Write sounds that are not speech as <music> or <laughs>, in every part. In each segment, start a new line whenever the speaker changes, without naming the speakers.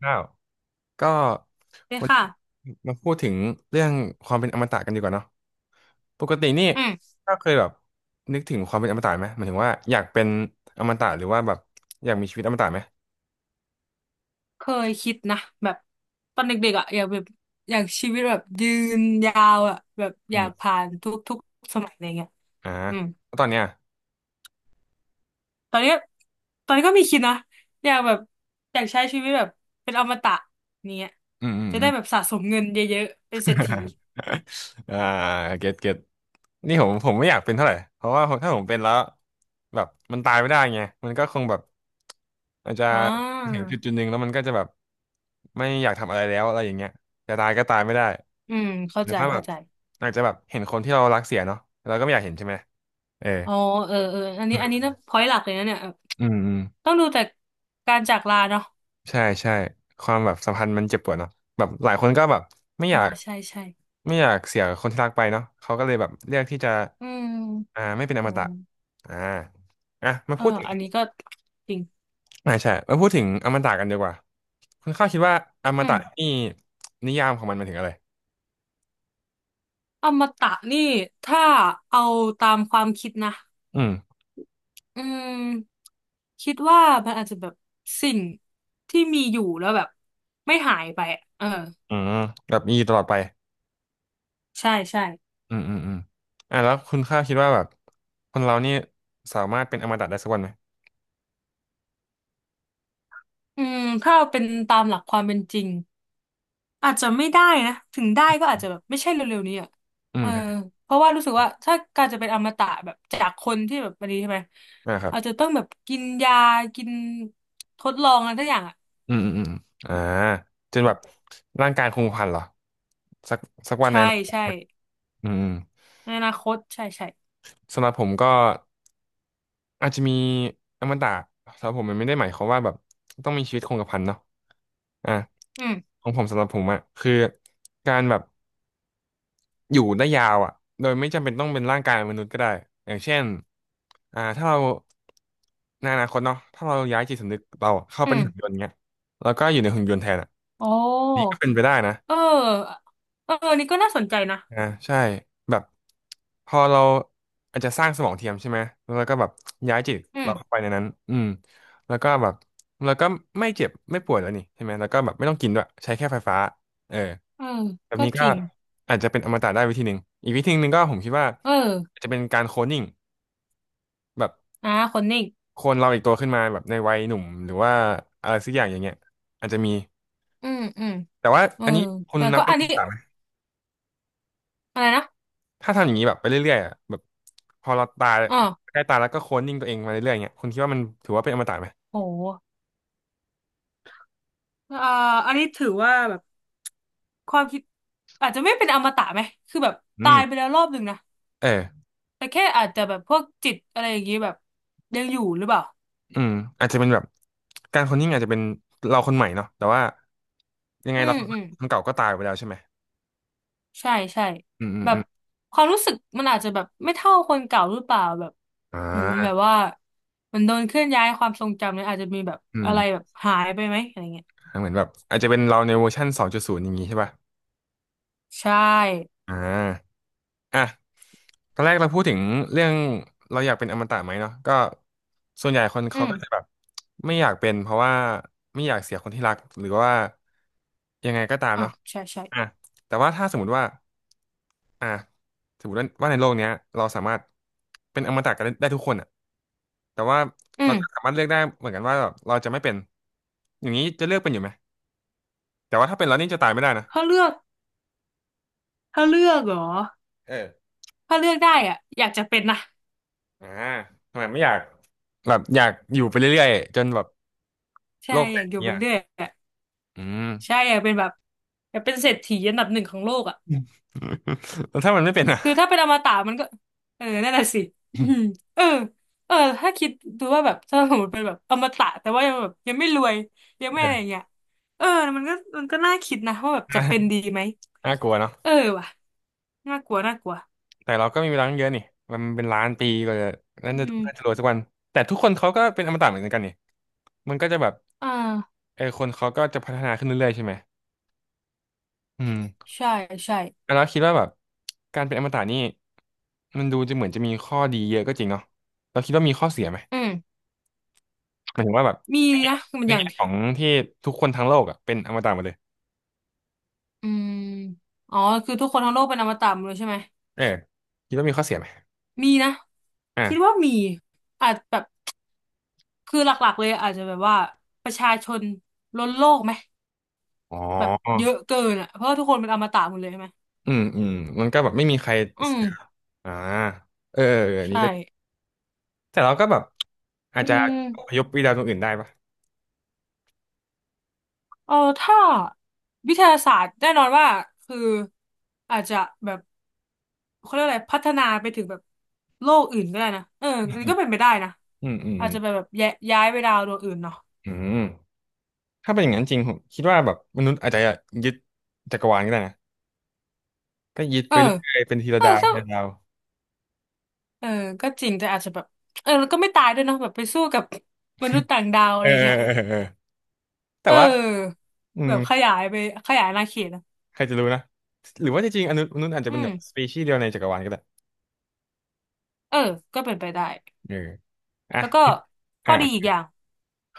ข้าวก็
เลย
วันนี้
ค่ะ
มาพูดถึงเรื่องความเป็นอมตะกันดีกว่าเนาะปกตินี่
อืม
ก็เคยแบบนึกถึงความเป็นอมตะไหมหมายถึงว่าอยากเป็นอมตะหรือว่าแบบอยากมีชีวิตอมตะไหม
เคยคิดนะแบบตอนเด็กๆอ่ะอยากแบบอยากชีวิตแบบยืนยาวอ่ะแบบอ
อื
ยา
ม
กผ่านทุกสมัยอะไรเงี้ย
อ่า
อืม
แล้วตอนเนี้ย
ตอนนี้ตอนนี้ก็มีคิดนะอยากแบบอยากใช้ชีวิตแบบเป็นอมตะเนี้ย
อืมอืม
จะ
อื
ได้
ม
แบบสะสมเงินเยอะๆเป็นเศรษฐี
<laughs> อ่าเก็ตเก็ตนี่ผมไม่อยากเป็นเท่าไหร่เพราะว่าผมถ้าผมเป็นแล้วแบบมันตายไม่ได้ไงมันก็คงแบบอาจจะ
อ่
ถึง
า
จุดหนึ่งแล้วมันก็จะแบบไม่อยากทำอะไรแล้วอะไรอย่างเงี้ยจะตายก็ตายไม่ได้
อืมเข้า
หรือ
ใจ
ว่าแบ
เข้า
บ
ใจ
อาจจะแบบเห็นคนที่เรารักเสียเนาะเราก็ไม่อยากเห็นใช่ไหมเออ
อ๋อเออเอออันนี้นะพอยหลักเลยนะเนี่ยเออ
อืมอืม
ต้องดูแต่การจากลาเนาะ
ใช่ใช่ความแบบสัมพันธ์มันเจ็บปวดเนาะแบบหลายคนก็แบบไม่อ
อ่า
ยาก
ใช่ใช่
ไม่อยากเสียคนที่รักไปเนาะเขาก็เลยแบบเลือกที่จะ
อืม
อ่าไม่เป็นอม
โอ้
ตะอ่าอ่ะมา
เออ
พูดถึง
อันนี้ก็จริง
อ่าใช่มาพูดถึงอมตะกันดีกว่าคุณข้าวคิดว่าอม
อื
ตะ
ม
นี่นิยามของมันหมายถึงอะไร
อมตะนี่ถ้าเอาตามความคิดนะ
อืม
อืมคิดว่ามันอาจจะแบบสิ่งที่มีอยู่แล้วแบบไม่หายไปอะเออ
อืมแบบมีอยู่ตลอดไป
ใช่ใช่
อืมอืมอืมอ่ะแล้วคุณข้าวคิดว่าแบบคนเรานี่สามารถเป็นอมตะได้สักวันไหม
อืมถ้าเอาเป็นตามหลักความเป็นจริงอาจจะไม่ได้นะถึงได้ก็อาจจะแบบไม่ใช่เร็วๆนี้อ่ะ
อื
เออ
ม
เพราะว่ารู้สึกว่าถ้าการจะเป็นอมตะแบบจากคนที่แบบอันนี้ใช่ไหม
อ่าครับ
อาจจะต้องแบบกินยากินทดลองอะไรทุกอย่างอ่ะ
อืมอืมอืมอ่าจนแบบร่างกายคงพันเหรอสักสักวันใน
ใช่
อนาคต
ใช่
อืมอืม
ในอนาคตใช่ใช่
สำหรับผมก็อาจจะมีอมตะสำหรับผมมันไม่ได้หมายความว่าแบบต้องมีชีวิตคงกระพันเนาะอ่ะ
อืม
ของผมสำหรับผมอะคือการแบบอยู่ได้ยาวอะโดยไม่จำเป็นต้องเป็นร่างกายมนุษย์ก็ได้อย่างเช่นอ่าถ้าเราในอนาคตเนาะถ้าเราย้ายจิตสำนึกเราเข้าเป
อื
ในหุ่นย
ม
นต์เงี้ยแล้วก็อยู่ในหุ่นยนต์แทนอะ
โอ้
นี่ก็เป็นไปได้นะ
เออเออนี่ก็น่าสนใจนะ
อ่าใช่แบบพอเราอาจจะสร้างสมองเทียมใช่ไหมแล้วเราก็แบบย้ายจิต
อื
เรา
ม
เข้าไปในนั้นอืมแล้วก็แบบแล้วก็ไม่เจ็บไม่ป่วยแล้วนี่ใช่ไหมแล้วก็แบบไม่ต้องกินด้วยใช้แค่ไฟฟ้าเออ
เออ
แบบ
ก็
นี้
จ
ก็
ริง
อาจจะเป็นอมตะได้วิธีหนึ่งอีกวิธีหนึ่งก็ผมคิดว่า
เออ
อาจจะเป็นการโคลนนิ่งแบบ
อ่าคนนิ่ง
โคลนเราอีกตัวขึ้นมาแบบในวัยหนุ่มหรือว่าอะไรสักอย่างอย่างเงี้ยอาจจะมี
อืมอืม
แต่ว่า
เออ
อันนี้คุณ
แต่
นั
ก็
บเป็น
อัน
อ
นี้
มตะไหม
อะไรนะ
ถ้าทำอย่างนี้แบบไปเรื่อยๆอะแบบพอเราตาย
อ๋อ
ใกล้ตายแล้วก็โคลนนิ่งตัวเองมาเรื่อยๆเงี้ยคุณคิดว่ามันถือว่าเป็นอมตะไหม
โหอ่าอันนี้ถือว่าแบบความคิดอาจจะไม่เป็นอมตะไหมคือแบบ
อื
ตา
ม
ยไปแล้วรอบหนึ่งนะ
เออ
แต่แค่อาจจะแบบพวกจิตอะไรอย่างงี้แบบยังอยู่หรือเปล่า
อืมอาจจะเป็นแบบการโคลนนิ่งอาจจะเป็นเราคนใหม่เนาะแต่ว่ายังไง
อื
เรา
ม
คน
อืม
คนเก่าก็ตายไปแล้วใช่ไหม
ใช่ใช่
อืมอืม
แบ
อื
บ
ม
ความรู้สึกมันอาจจะแบบไม่เท่าคนเก่าหรือเปล่าแบบ
อ่
เหมือนแบบ
า
ว่าเหมันโดนเคลื่อนย้ายความทรงจำเนี่ยอาจจะมีแบบ
อืม
อะไรแบบหายไปไหมอะไรเงี้ย
เหมือนแบบอาจจะเป็นเราในเวอร์ชัน2.0อย่างนี้ใช่ป่ะ
ใช่
อ่าอ่ะ ตอนแรกเราพูดถึงเรื่องเราอยากเป็นอมตะไหมเนาะก็ส่วนใหญ่คน
อื
เขา
ม
ก็จะแบบไม่อยากเป็นเพราะว่าไม่อยากเสียคนที่รักหรือว่ายังไงก็ตาม
อ่ะ
เนาะ
ใช่ใช่
อ่ะแต่ว่าถ้าสมมติว่าอ่ะสมมติว่าในโลกเนี้ยเราสามารถเป็นอมตะกันได้ทุกคนอ่ะแต่ว่า
อื
เรา
ม
ก็สามารถเลือกได้เหมือนกันว่าแบบเราจะไม่เป็นอย่างนี้จะเลือกเป็นอยู่ไหมแต่ว่าถ้าเป็นแล้วนี่จะตายไม่ได้นะ
ถ้าเลือกถ้าเลือกเหรอ
เออ
ถ้าเลือกได้อ่ะอยากจะเป็นนะ
อ่าทำไมไม่อยากแบบอยากอยู่ไปเรื่อยๆจนแบบ
ใช่
โลกแต
อยาก
ก
อยู่ไป
เนี่ย
เรื่อยอ่ะ
อืม
ใช่อยากเป็นแบบอยากเป็นเศรษฐีอันดับหนึ่งของโลกอ่ะ
<laughs> แล้วถ้ามันไม่เป็นอ่ะ
คือถ้าเป็นอมตะมันก็เออนั่นแหละสิอืม
<laughs>
เออเออถ้าคิดดูว่าแบบถ้าสมมติเป็นแบบอมตะแต่ว่ายังแบบยังไม่รวยยังไม่อะไรอย่า
เออ
งเงี้ยเออมันก็มันก็น่าคิดนะว่าแบบจะเป็น
น่า
ดีไหม
น่ากลัวเนาะ
เออว่ะน่ากลัวน่ากลัว
แต่เราก็มีเวลาตั้งเยอะนี่มันเป็นล้านปีกว่าจะนั่
อื
นจะ
ม
น่าจะรวยสักวันแต่ทุกคนเขาก็เป็นอมตะเหมือนกันนี่มันก็จะแบบ
อ่า
เออคนเขาก็จะพัฒนาขึ้นเรื่อยๆใช่ไหมอืม
ใช่ใช่
แล้วคิดว่าแบบการเป็นอมตะนี่มันดูจะเหมือนจะมีข้อดีเยอะก็จริงเนาะเราคิดว่ามีข้อเสียไหม
อืม
หมายถึงว่าแบบ
มี
ในแง่
นะมัน
ใน
อย่าง
แง่
ที่
ของที่ทุกคนทั้งโลกอ่ะเป็นอมตะหมดเลย
อืมอ๋อคือทุกคนทั้งโลกเป็นอมตะหมดเลยใช่ไหม
เออคิดว่ามีข้อเสียไหม
มีนะคิดว่า
อ่ะ
มีอาจแบบคือหลักๆเลยอาจจะแบบว่าประชาชนล้นโลกไหม
อ๋อ
แบบเยอะเกินอ่ะเพราะว่าทุกคนเป็นอมตะหมดเลยใช่ไหม
อืมอืมมันก็แบบไม่มีใคร
อื
เสี
ม
ยอ่าเออเอออันนี้
ใช่
ก็แต่เราก็แบบอาจ
อื
จะอพย
ม
พไปดาวดวงอื่นได้ปะ
เออถ้าวิทยาศาสตร์แน่นอนว่าคืออาจจะแบบเขาเรียกอะไรพัฒนาไปถึงแบบโลกอื่นก็ได้นะเอออันนี้ก็เป็นไปได้นะ
อืมอืม
อา
อื
จ
ม
จะแบบแบบย้ายย้ายไปดาวดวงอื่นเนาะ
อืมถ้าเป็นอย่างนั้นจริงผมคิดว่าแบบมนุษย์อาจจะยึดจักรวาลก็ได้นะก็ยึด
เอ
ไป
อ
เรื่อยๆเป็นทีละ
เออ
ดาว
ถ้า
ทีละดาว
เออก็จริงแต่อาจจะแบบเออแล้วก็ไม่ตายด้วยเนาะแบบไปสู้กับมนุษย์ต่างดาวอะ
เออ
ไรเงี้ย
เออเออเออแต่ว่า
เออ
อื
แบ
ม
บขยายอาณาเขตนะ
ใครจะรู้นะหรือว่าจริงๆอนุมนุษย์อาจจะ
อื
เป็นแบ
ม
บสปีชีส์เดียวในจักรวาลก็ได้
เออก็เป็นไปได้
เอออ่ะ
แล้วก็ข้อดีอีก
อ่ะ
อย่าง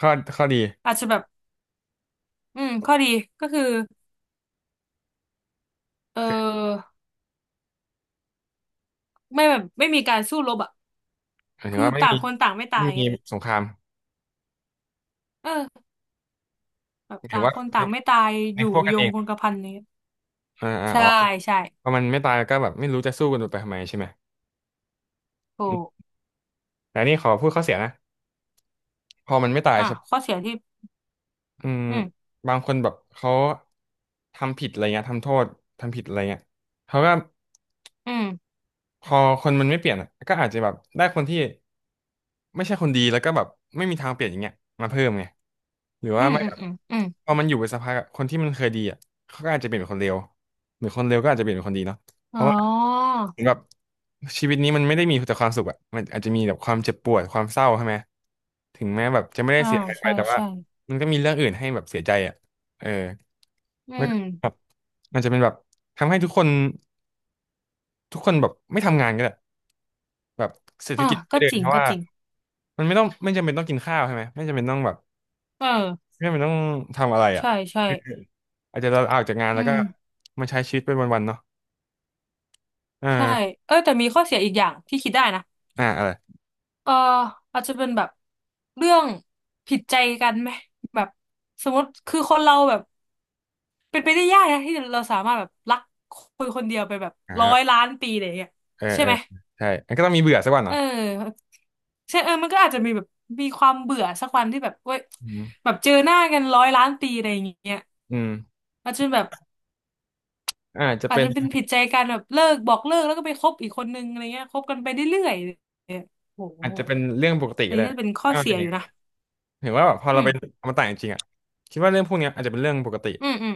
ข้อข้อดี
อาจจะแบบอืมข้อดีก็คือเ
คือ
ออไม่แบบไม่มีการสู้รบอ่ะ
หมายถึ
คื
ง
อ
ว่าไม่
ต่า
มี
งคนต่างไม่ตา
ไม่
ย
มี
เงี้ย
สงคราม
เออแบ
ห
บ
มายถึ
ต่า
ง
ง
ว่า
คนต่างไม่ตาย
ใน
อยู่
พวกกั
ย
นเอ
ง
ง
คงกระพันนี้ย
อ่าอ่า
ใช่
อ๋อ
ใช่
พอมันไม่ตายก็แบบไม่รู้จะสู้กันไปทำไมใช่ไหม
ถู
อื
ก
มแต่นี่ขอพูดข้อเสียนะพอมันไม่ตาย
อ่ะ
ใช่
ข้อ
ปะ
เสียที่
อืม
อืม
บางคนแบบเขาทำผิดอะไรเงี้ยทำโทษทำผิดอะไรเงี้ยเขาก็
อืม
พอคนมันไม่เปลี่ยนอะก็อาจจะแบบได้คนที่ไม่ใช่คนดีแล้วก็แบบไม่มีทางเปลี่ยนอย่างเงี้ยมาเพิ่มไงหรือ
อื
ว่า
ม
ไม่
อื
แบ
ม
บ
อืมอืม
พอมันอยู่ไปสักพักอะคนที่มันเคยดีอ่ะเขาก็อาจจะเปลี่ยนเป็นคนเลวหรือคนเลวก็อาจจะเปลี่ยนเป็นคนดีเนาะเพ
อ๋อ
ราะว่า แบบชีวิตนี้มันไม่ได้มีแต่ความสุขอะมันอาจจะมีแบบความเจ็บปวดความเศร้าใช่ไหมถึงแม้แบบจะไม่ได้
อ่า
เสียหายไป
ใช่
แต่ว่า
ใช่
มันก็มีเรื่องอื่นให้แบบเสียใจอะเออ
อื
แล้วก็
ม
แบบมันจะเป็นแบบทำให้ทุกคนแบบไม่ทำงานก็ได้แบบเศรษฐ
อ่ะ
กิจ
ก็
ไม่เดิ
จ
น
ริง
เพราะ
ก็
ว่า
จริง
มันไม่ต้องไม่จำเป็นต้องกินข้าวใช่ไหมไม่จำเป็นต้องแบบ
เออ
ไม่จำเป็นต้องทำอะไรอะ
ใช่ใช่
อาจจะเราออกจากงาน
อื
แล้วก็
ม
มาใช้ชีวิตเป็นวันๆเนาะ
ใช่
อ่า
เออแต่มีข้อเสียอีกอย่างที่คิดได้นะ
อ่าอะไร
เอออาจจะเป็นแบบเรื่องผิดใจกันไหมแบบสมมติคือคนเราแบบเป็นไปได้ยากนะที่เราสามารถแบบรักคนคนเดียวไปแบบ
อ่
ร้อย
า
ล้านปีอะไรอย่างเงี้ย
เออ
ใช่
เออ
ไหม
ใช่มันก็ต้องมีเบื่อสักวัน
เ
นะ
ออใช่เออมันก็อาจจะมีแบบมีความเบื่อสักวันที่แบบเว้ย
อืม
แบบเจอหน้ากันร้อยล้านปีอะไรอย่างเงี้ย
อืม
อาจจะแบบ
อาจจะ
อาจ
เป็น
จะเป็นผิดใจกันแบบเลิกบอกเลิกแล้วก็ไปคบอีกคนนึงอะไรเงี้ยคบกันไปเรื่อยๆเนี่ยโอ้โห
เรื่องปกติ
อัน
ก็
นี้
ได้
น่าจะเป็นข้อ
ถ้ามัน
เสี
เป็
ย
นอ
อ
ย่าง
ยู่
นั้
นะ
นเห็นว่าแบบพอ
อื
เรา
ม
ไปเอามาต่างจริงๆอ่ะคิดว่าเรื่องพวกเนี้ยอาจจะเป็นเรื่องปกติ
อืมอืม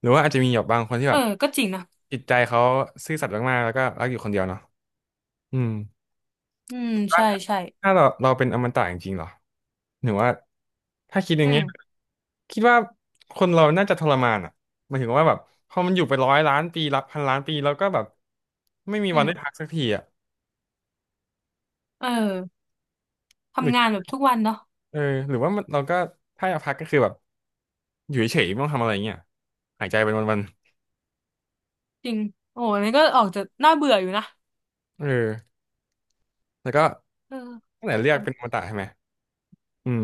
หรือว่าอาจจะมีแบบบางคนที่
เอ
แบ
อ
บ
ก็จริงนะ
จิตใจเขาซื่อสัตย์มากๆแล้วก็รักอยู่คนเดียวเนาะอืม
อืม
คิดว่า
ใช่ใช่
ถ้าเราเป็นอมตะจริงๆเหรอหรือว่าถ้าคิดอ
อื
ย่าง
ม
เงี้ยคิดว่าคนเราน่าจะทรมานอ่ะหมายถึงว่าแบบพอมันอยู่ไป100,000,000 ปีรับ1,000,000,000 ปีแล้วก็แบบไม่มี
อื
วัน
ม
ได้พักสักทีอ่ะ
เออ
หรือ
ทำงานแบบทุกวันเนาะ
เออหรือว่ามันเราก็ถ้าอยากพักก็คือแบบ อยู่เฉยๆไม่ต้องทำอะไรเงี้ยหายใจเป็นวัน
จริงโอ้โหอันนี้ก็ออกจะน่าเบื่ออยู่นะ
ๆเออแล้วก็
เออ
ตั้งแต่เลือก
แต่
เป็นอมตะใช่ไหมอืม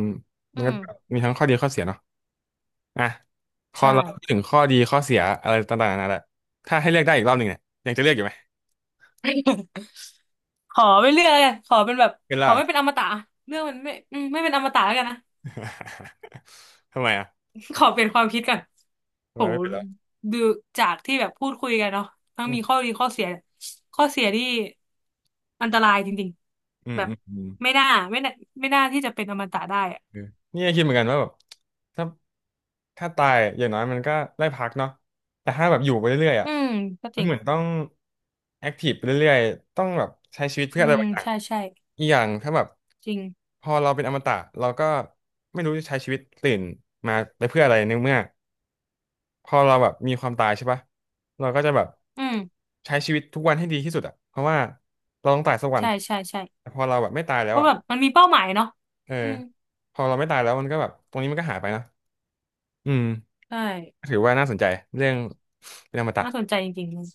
มั
อื
น
ม
ก็มีทั้งข้อดีข้อเสียเนาะอ่ะพอ
ใช่
เราพูดถึงข้อดีข้อเสียอะไรต่างๆนานาแหละถ้าให้เลือกได้อีกรอบหนึ่งเนี่ยยังจะเลือกอยู่ไหม
<laughs> ขอไม่เลือกแล้วกันขอเป็นแบบ
เป็น
ขอ
ล่ะ
ไม่เป็นอมตะเรื่องมันไม่อืมไม่เป็นอมตะแล้วกันนะ
<laughs> ทำไมอ่ะ
<laughs> ขอเปลี่ยนความคิดก่อน
ทำ
โห
ไมไม่เป็นล่ะ
ดูจากที่แบบพูดคุยกันเนาะทั้ง
อื
มี
ม
ข้อดีข้อเสียข้อเสียที่อันตรายจริง
อื
ๆ
ม
แบบ
อืมอืม
ไม่น่าไม่น่าไม่น่าที่จะเป็นอมตะได้อะ
เออเนี่กคิดเหมือนกันว่าแบบถ้าตายอย่างน้อยมันก็ได้พักเนาะแต่ถ้าแบบอยู่ไปเรื่อยๆอ่ะ
อืมก็จ
มัน
ริง
เหมือนต้องแอคทีฟไปเรื่อยๆต้องแบบใช้ชีวิตเพื่อ
อื
อะไร
ม
บางอย่าง
ใช่ใช่
อีกอย่างถ้าแบบ
จริง
พอเราเป็นอมตะเราก็ไม่รู้จะใช้ชีวิตตื่นมาไปเพื่ออะไรในเมื่อพอเราแบบมีความตายใช่ปะเราก็จะแบบ
อืม
ใช้ชีวิตทุกวันให้ดีที่สุดอ่ะเพราะว่าเราต้องตายสักวัน
ใช่ใช่ใช่
แต่พอเราแบบไม่ตายแล้
เพ
ว
ราะ
อ่ะ
แบบมันมีเป้าหมายเนาะ
เออ
อืม
พอเราไม่ตายแล้วมันก็แบบตรงนี้มันก็หายไปนะอืม
ใช่
ถือว่าน่าสนใจเรื่องเป็นอมตะ
น่าสนใจจริงๆเลย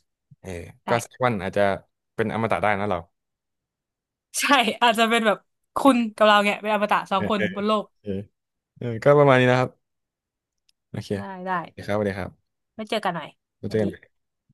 เออก็
ใช่
สักวันอาจจะเป็นอมตะได้นะเรา
ใช่ อาจจะเป็นแบบคุณกับเราเนี่ยเป็นอมตะสอ
เอ
ง
อ
คน
เออ
บนโลก
เออเออก็ประมาณนี้นะครับโอเค
ได้
โอ
ได้
เคครับสวัสดีครับ
ไม่เจอกันหน่อย
แล้
ส
วเจ
วัส
อกั
ดี
น